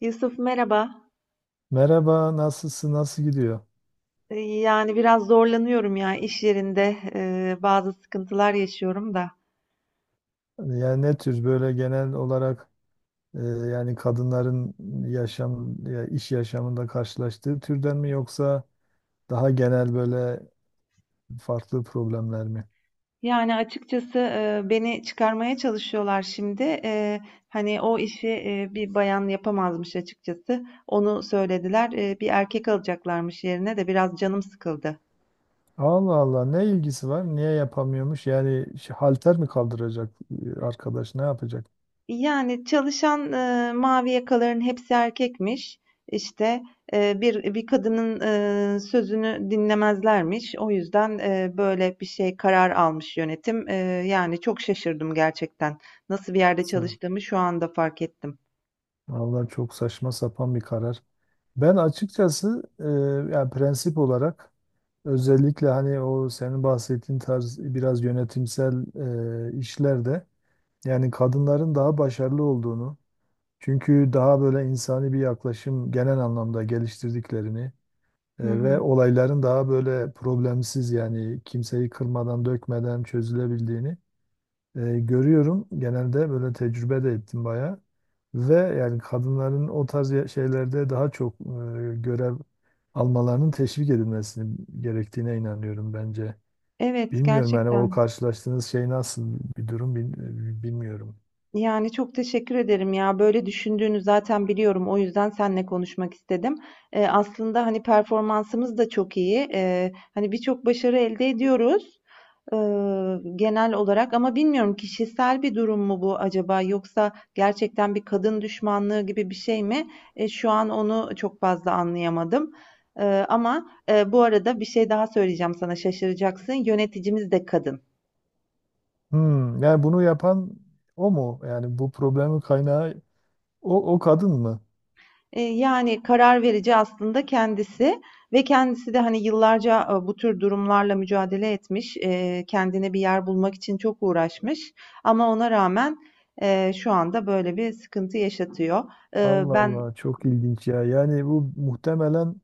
Yusuf merhaba. Merhaba, nasılsın, nasıl gidiyor? Yani biraz zorlanıyorum ya iş yerinde bazı sıkıntılar yaşıyorum da. Yani ne tür böyle genel olarak yani kadınların yaşam, ya iş yaşamında karşılaştığı türden mi yoksa daha genel böyle farklı problemler mi? Yani açıkçası beni çıkarmaya çalışıyorlar şimdi. Hani o işi bir bayan yapamazmış açıkçası. Onu söylediler. Bir erkek alacaklarmış yerine de biraz canım sıkıldı. Allah Allah, ne ilgisi var? Niye yapamıyormuş? Yani şey, halter mi kaldıracak arkadaş, ne yapacak? Yani, çalışan, mavi yakaların hepsi erkekmiş. İşte, bir kadının, sözünü dinlemezlermiş. O yüzden, böyle bir şey karar almış yönetim. Yani çok şaşırdım gerçekten. Nasıl bir yerde Sa- çalıştığımı şu anda fark ettim. Vallahi çok saçma sapan bir karar. Ben açıkçası yani prensip olarak, özellikle hani o senin bahsettiğin tarz biraz yönetimsel işlerde yani kadınların daha başarılı olduğunu, çünkü daha böyle insani bir yaklaşım genel anlamda geliştirdiklerini Hı ve hı. olayların daha böyle problemsiz, yani kimseyi kırmadan dökmeden çözülebildiğini görüyorum. Genelde böyle tecrübe de ettim bayağı ve yani kadınların o tarz şeylerde daha çok görev almalarının teşvik edilmesini gerektiğine inanıyorum bence. Evet, Bilmiyorum yani o gerçekten. karşılaştığınız şey nasıl bir durum, bilmiyorum. Yani, çok teşekkür ederim ya. Böyle düşündüğünü zaten biliyorum. O yüzden seninle konuşmak istedim. Aslında, hani, performansımız da çok iyi. Hani, birçok başarı elde ediyoruz, genel olarak ama bilmiyorum kişisel bir durum mu bu acaba yoksa gerçekten bir kadın düşmanlığı gibi bir şey mi? Şu an onu çok fazla anlayamadım. Ama bu arada bir şey daha söyleyeceğim sana, şaşıracaksın. Yöneticimiz de kadın. Hmm, yani bunu yapan o mu? Yani bu problemin kaynağı o kadın mı? Yani karar verici aslında kendisi ve kendisi de, hani, yıllarca, bu tür durumlarla mücadele etmiş, kendine bir yer bulmak için çok uğraşmış ama ona rağmen, şu anda böyle bir sıkıntı yaşatıyor. Allah Ben Allah, çok ilginç ya. Yani bu muhtemelen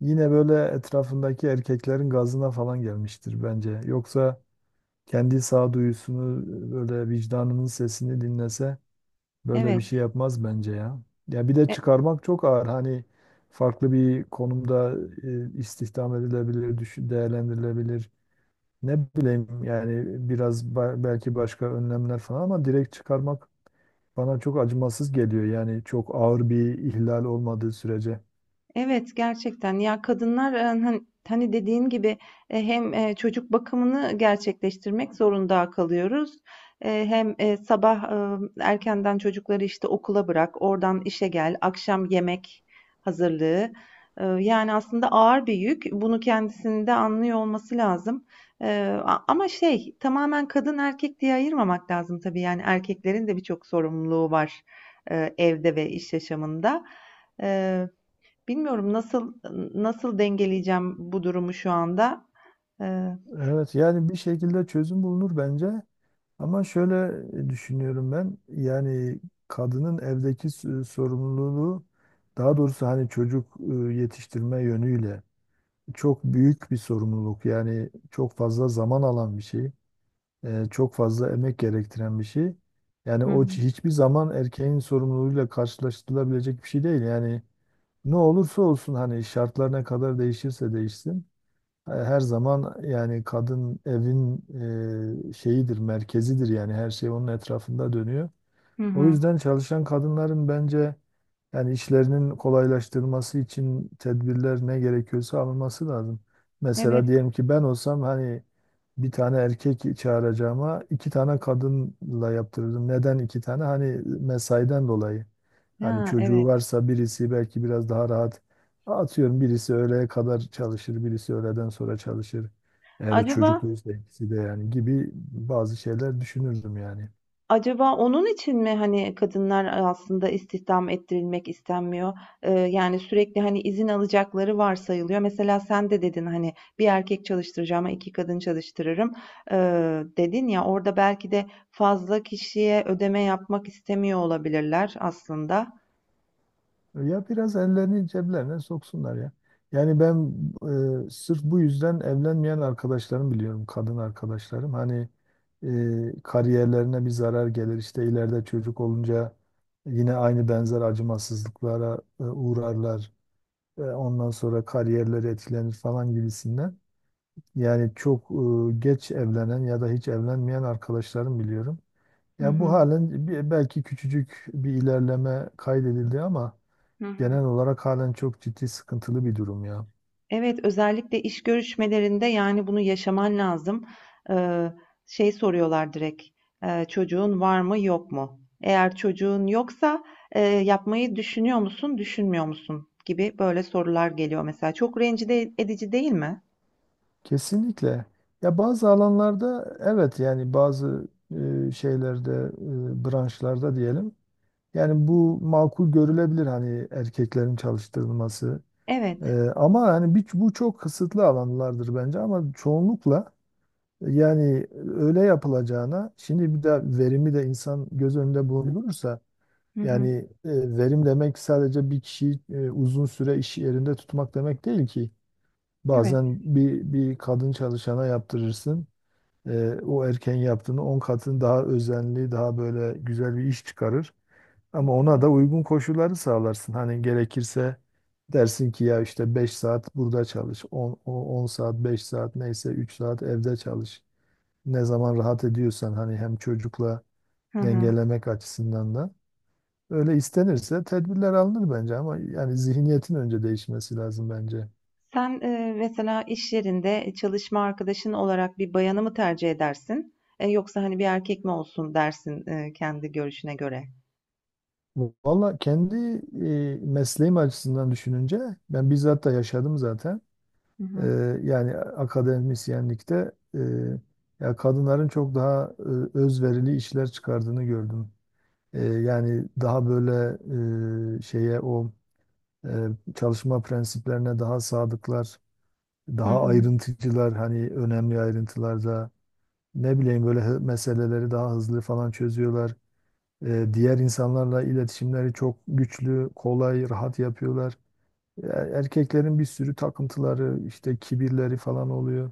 yine böyle etrafındaki erkeklerin gazına falan gelmiştir bence. Yoksa kendi sağduyusunu, böyle vicdanının sesini dinlese böyle bir şey Evet. yapmaz bence ya. Ya bir de E çıkarmak çok ağır. Hani farklı bir konumda istihdam edilebilir, düşün, değerlendirilebilir. Ne bileyim, yani biraz belki başka önlemler falan, ama direkt çıkarmak bana çok acımasız geliyor. Yani çok ağır bir ihlal olmadığı sürece. Evet gerçekten ya kadınlar hani, hani dediğin gibi hem çocuk bakımını gerçekleştirmek zorunda kalıyoruz. Hem sabah erkenden çocukları işte okula bırak, oradan işe gel, akşam yemek hazırlığı. Yani aslında ağır bir yük. Bunu kendisinde anlıyor olması lazım. Ama şey tamamen kadın erkek diye ayırmamak lazım tabii. Yani erkeklerin de birçok sorumluluğu var evde ve iş yaşamında. Bilmiyorum nasıl dengeleyeceğim bu durumu şu anda. Eee, Evet, yani bir şekilde çözüm bulunur bence. Ama şöyle düşünüyorum ben. Yani kadının evdeki sorumluluğu, daha doğrusu hani çocuk yetiştirme yönüyle çok büyük bir sorumluluk. Yani çok fazla zaman alan bir şey, çok fazla emek gerektiren bir şey. Yani hı o hı. Hiçbir zaman erkeğin sorumluluğuyla karşılaştırılabilecek bir şey değil. Yani ne olursa olsun, hani şartlar ne kadar değişirse değişsin, her zaman yani kadın evin şeyidir, merkezidir, yani her şey onun etrafında dönüyor. Hı O hı. yüzden çalışan kadınların bence yani işlerinin kolaylaştırılması için tedbirler ne gerekiyorsa alınması lazım. Evet. Mesela diyelim ki ben olsam, hani bir tane erkek çağıracağıma iki tane kadınla yaptırırdım. Neden iki tane? Hani mesaiden dolayı. Hani Ha, çocuğu evet. varsa birisi belki biraz daha rahat, atıyorum birisi öğleye kadar çalışır, birisi öğleden sonra çalışır. Eğer Acaba çocukluysa ikisi de yani, gibi bazı şeyler düşünürdüm yani. acaba onun için mi hani kadınlar aslında istihdam ettirilmek istenmiyor? Yani sürekli hani izin alacakları varsayılıyor. Mesela sen de dedin hani bir erkek çalıştıracağıma iki kadın çalıştırırım. Dedin ya orada belki de fazla kişiye ödeme yapmak istemiyor olabilirler aslında. Ya biraz ellerini ceplerine soksunlar ya. Yani ben sırf bu yüzden evlenmeyen arkadaşlarım biliyorum, kadın arkadaşlarım. Hani kariyerlerine bir zarar gelir, işte ileride çocuk olunca yine aynı, benzer acımasızlıklara uğrarlar. Ondan sonra kariyerleri etkilenir falan gibisinden. Yani çok geç evlenen ya da hiç evlenmeyen arkadaşlarım biliyorum. Hı Ya bu hı. halen belki küçücük bir ilerleme kaydedildi ama Hı hı. genel olarak halen çok ciddi sıkıntılı bir durum ya. Evet, özellikle iş görüşmelerinde yani bunu yaşaman lazım. Eee, Şey soruyorlar direkt, çocuğun var mı yok mu? Eğer çocuğun yoksa yapmayı düşünüyor musun, düşünmüyor musun gibi böyle sorular geliyor mesela. Çok rencide edici değil mi? Kesinlikle. Ya bazı alanlarda, evet yani bazı şeylerde, branşlarda diyelim. Yani bu makul görülebilir, hani erkeklerin çalıştırılması. Evet. Ama hani bir, bu çok kısıtlı alanlardır bence, ama çoğunlukla yani öyle yapılacağına, şimdi bir de verimi de insan göz önünde bulundurursa. Hı Yani hı. Verim demek sadece bir kişiyi uzun süre iş yerinde tutmak demek değil ki. Evet. Bazen bir kadın çalışana yaptırırsın. O erken yaptığını 10 katını daha özenli, daha böyle güzel bir iş çıkarır. Ama ona da uygun koşulları sağlarsın. Hani gerekirse dersin ki ya işte 5 saat burada çalış, 10 10 saat, 5 saat neyse 3 saat evde çalış. Ne zaman rahat ediyorsan, hani hem çocukla Hı hı. dengelemek açısından da. Öyle istenirse tedbirler alınır bence, ama yani zihniyetin önce değişmesi lazım bence. Sen mesela iş yerinde çalışma arkadaşın olarak bir bayanı mı tercih edersin? Yoksa hani bir erkek mi olsun dersin kendi görüşüne göre? Valla kendi mesleğim açısından düşününce ben bizzat da yaşadım zaten. Hı E, hı. Yani akademisyenlikte, ya kadınların çok daha özverili işler çıkardığını gördüm. Yani daha böyle şeye o e, çalışma prensiplerine daha sadıklar, Hı daha hı. ayrıntıcılar, hani önemli ayrıntılarda ne bileyim böyle meseleleri daha hızlı falan çözüyorlar. Diğer insanlarla iletişimleri çok güçlü, kolay, rahat yapıyorlar. Erkeklerin bir sürü takıntıları, işte kibirleri falan oluyor.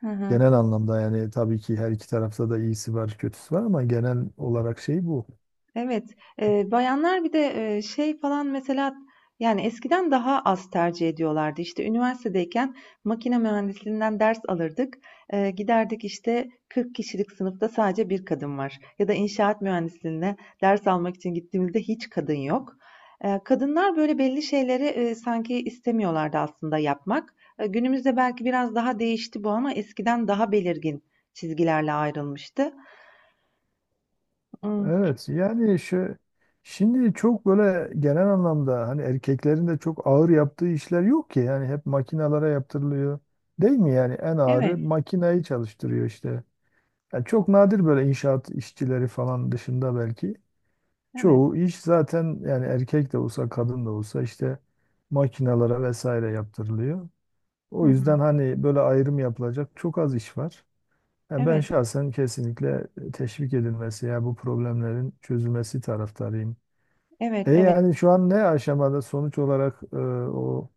Hı hı. Genel anlamda yani tabii ki her iki tarafta da iyisi var, kötüsü var, ama genel olarak şey bu. Evet, bayanlar bir de, şey falan mesela, yani, eskiden daha az tercih ediyorlardı. İşte, üniversitedeyken makine mühendisliğinden ders alırdık. Giderdik, işte, 40 kişilik sınıfta sadece bir kadın var ya da inşaat mühendisliğine ders almak için gittiğimizde hiç kadın yok. Kadınlar, böyle, belli şeyleri, sanki istemiyorlardı aslında yapmak. Günümüzde belki biraz daha değişti bu ama eskiden daha belirgin çizgilerle ayrılmıştı. Imm, Evet, yani şimdi çok böyle genel anlamda hani erkeklerin de çok ağır yaptığı işler yok ki, yani hep makinalara yaptırılıyor. Değil mi, yani en ağırı evet, makinayı çalıştırıyor işte. Yani çok nadir, böyle inşaat işçileri falan dışında belki. evet. Çoğu iş zaten yani erkek de olsa kadın da olsa işte makinalara vesaire yaptırılıyor. Hı O yüzden hı. hani böyle ayrım yapılacak çok az iş var. Yani ben Evet. şahsen kesinlikle teşvik edilmesi, ya bu problemlerin çözülmesi taraftarıyım. Evet, E evet. yani şu an ne aşamada, sonuç olarak o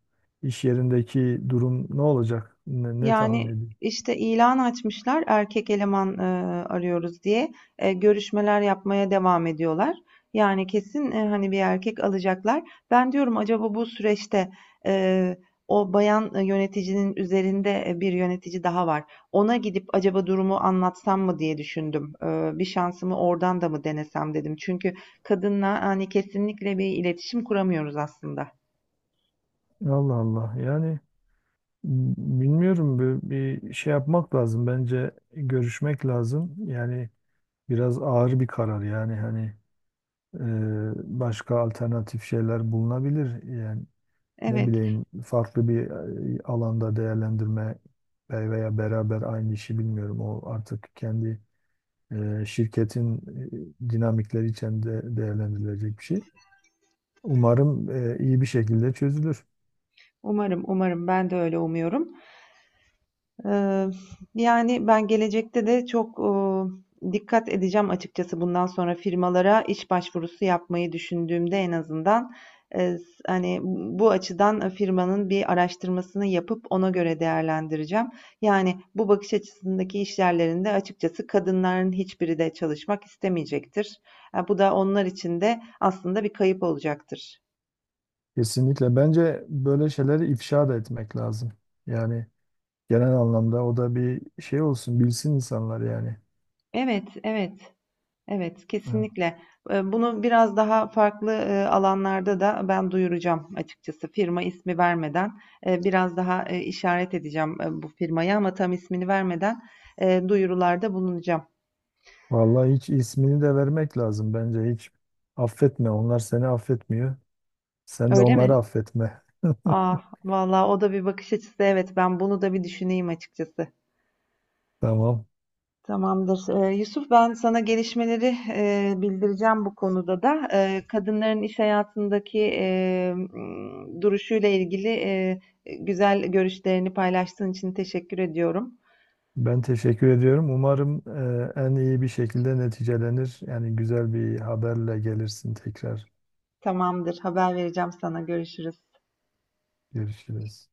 iş yerindeki durum ne olacak? Ne tahmin Yani ediyorsun? işte ilan açmışlar erkek eleman arıyoruz diye. Görüşmeler yapmaya devam ediyorlar. Yani kesin hani bir erkek alacaklar. Ben diyorum acaba bu süreçte e, o bayan yöneticinin üzerinde bir yönetici daha var. Ona gidip acaba durumu anlatsam mı diye düşündüm. Bir şansımı oradan da mı denesem dedim. Çünkü kadınla hani kesinlikle bir iletişim kuramıyoruz aslında. Allah Allah. Yani bilmiyorum, bir şey yapmak lazım. Bence görüşmek lazım. Yani biraz ağır bir karar, yani hani başka alternatif şeyler bulunabilir. Yani ne Evet, bileyim, farklı bir alanda değerlendirme veya beraber aynı işi, bilmiyorum. O artık kendi şirketin dinamikleri içinde değerlendirilecek bir şey. Umarım iyi bir şekilde çözülür. umarım, umarım ben de öyle umuyorum. Eee, Yani ben gelecekte de çok, dikkat edeceğim açıkçası bundan sonra firmalara iş başvurusu yapmayı düşündüğümde en azından, s hani, bu açıdan firmanın bir araştırmasını yapıp ona göre değerlendireceğim. Yani bu bakış açısındaki işyerlerinde açıkçası kadınların hiçbiri de çalışmak istemeyecektir. Bu da onlar için de aslında bir kayıp olacaktır. Kesinlikle. Bence böyle şeyleri ifşa da etmek lazım. Yani, genel anlamda o da bir şey olsun, bilsin insanlar yani. Evet, evet. Evet, Evet. kesinlikle. Bunu biraz daha farklı, alanlarda da ben duyuracağım açıkçası. Firma ismi vermeden, biraz daha, işaret edeceğim, bu firmayı ama tam ismini vermeden, duyurularda bulunacağım. Vallahi hiç, ismini de vermek lazım bence, hiç. Affetme, onlar seni affetmiyor. Sen de Öyle onları mi? affetme. Ah, vallahi o da bir bakış açısı. Evet, ben bunu da bir düşüneyim açıkçası. Tamam. Tamamdır. Yusuf, ben sana gelişmeleri bildireceğim bu konuda da. Kadınların iş hayatındaki duruşuyla ilgili güzel görüşlerini paylaştığın için teşekkür ediyorum. Ben teşekkür ediyorum. Umarım en iyi bir şekilde neticelenir. Yani güzel bir haberle gelirsin tekrar. Tamamdır, haber vereceğim sana. Görüşürüz. Görüşürüz.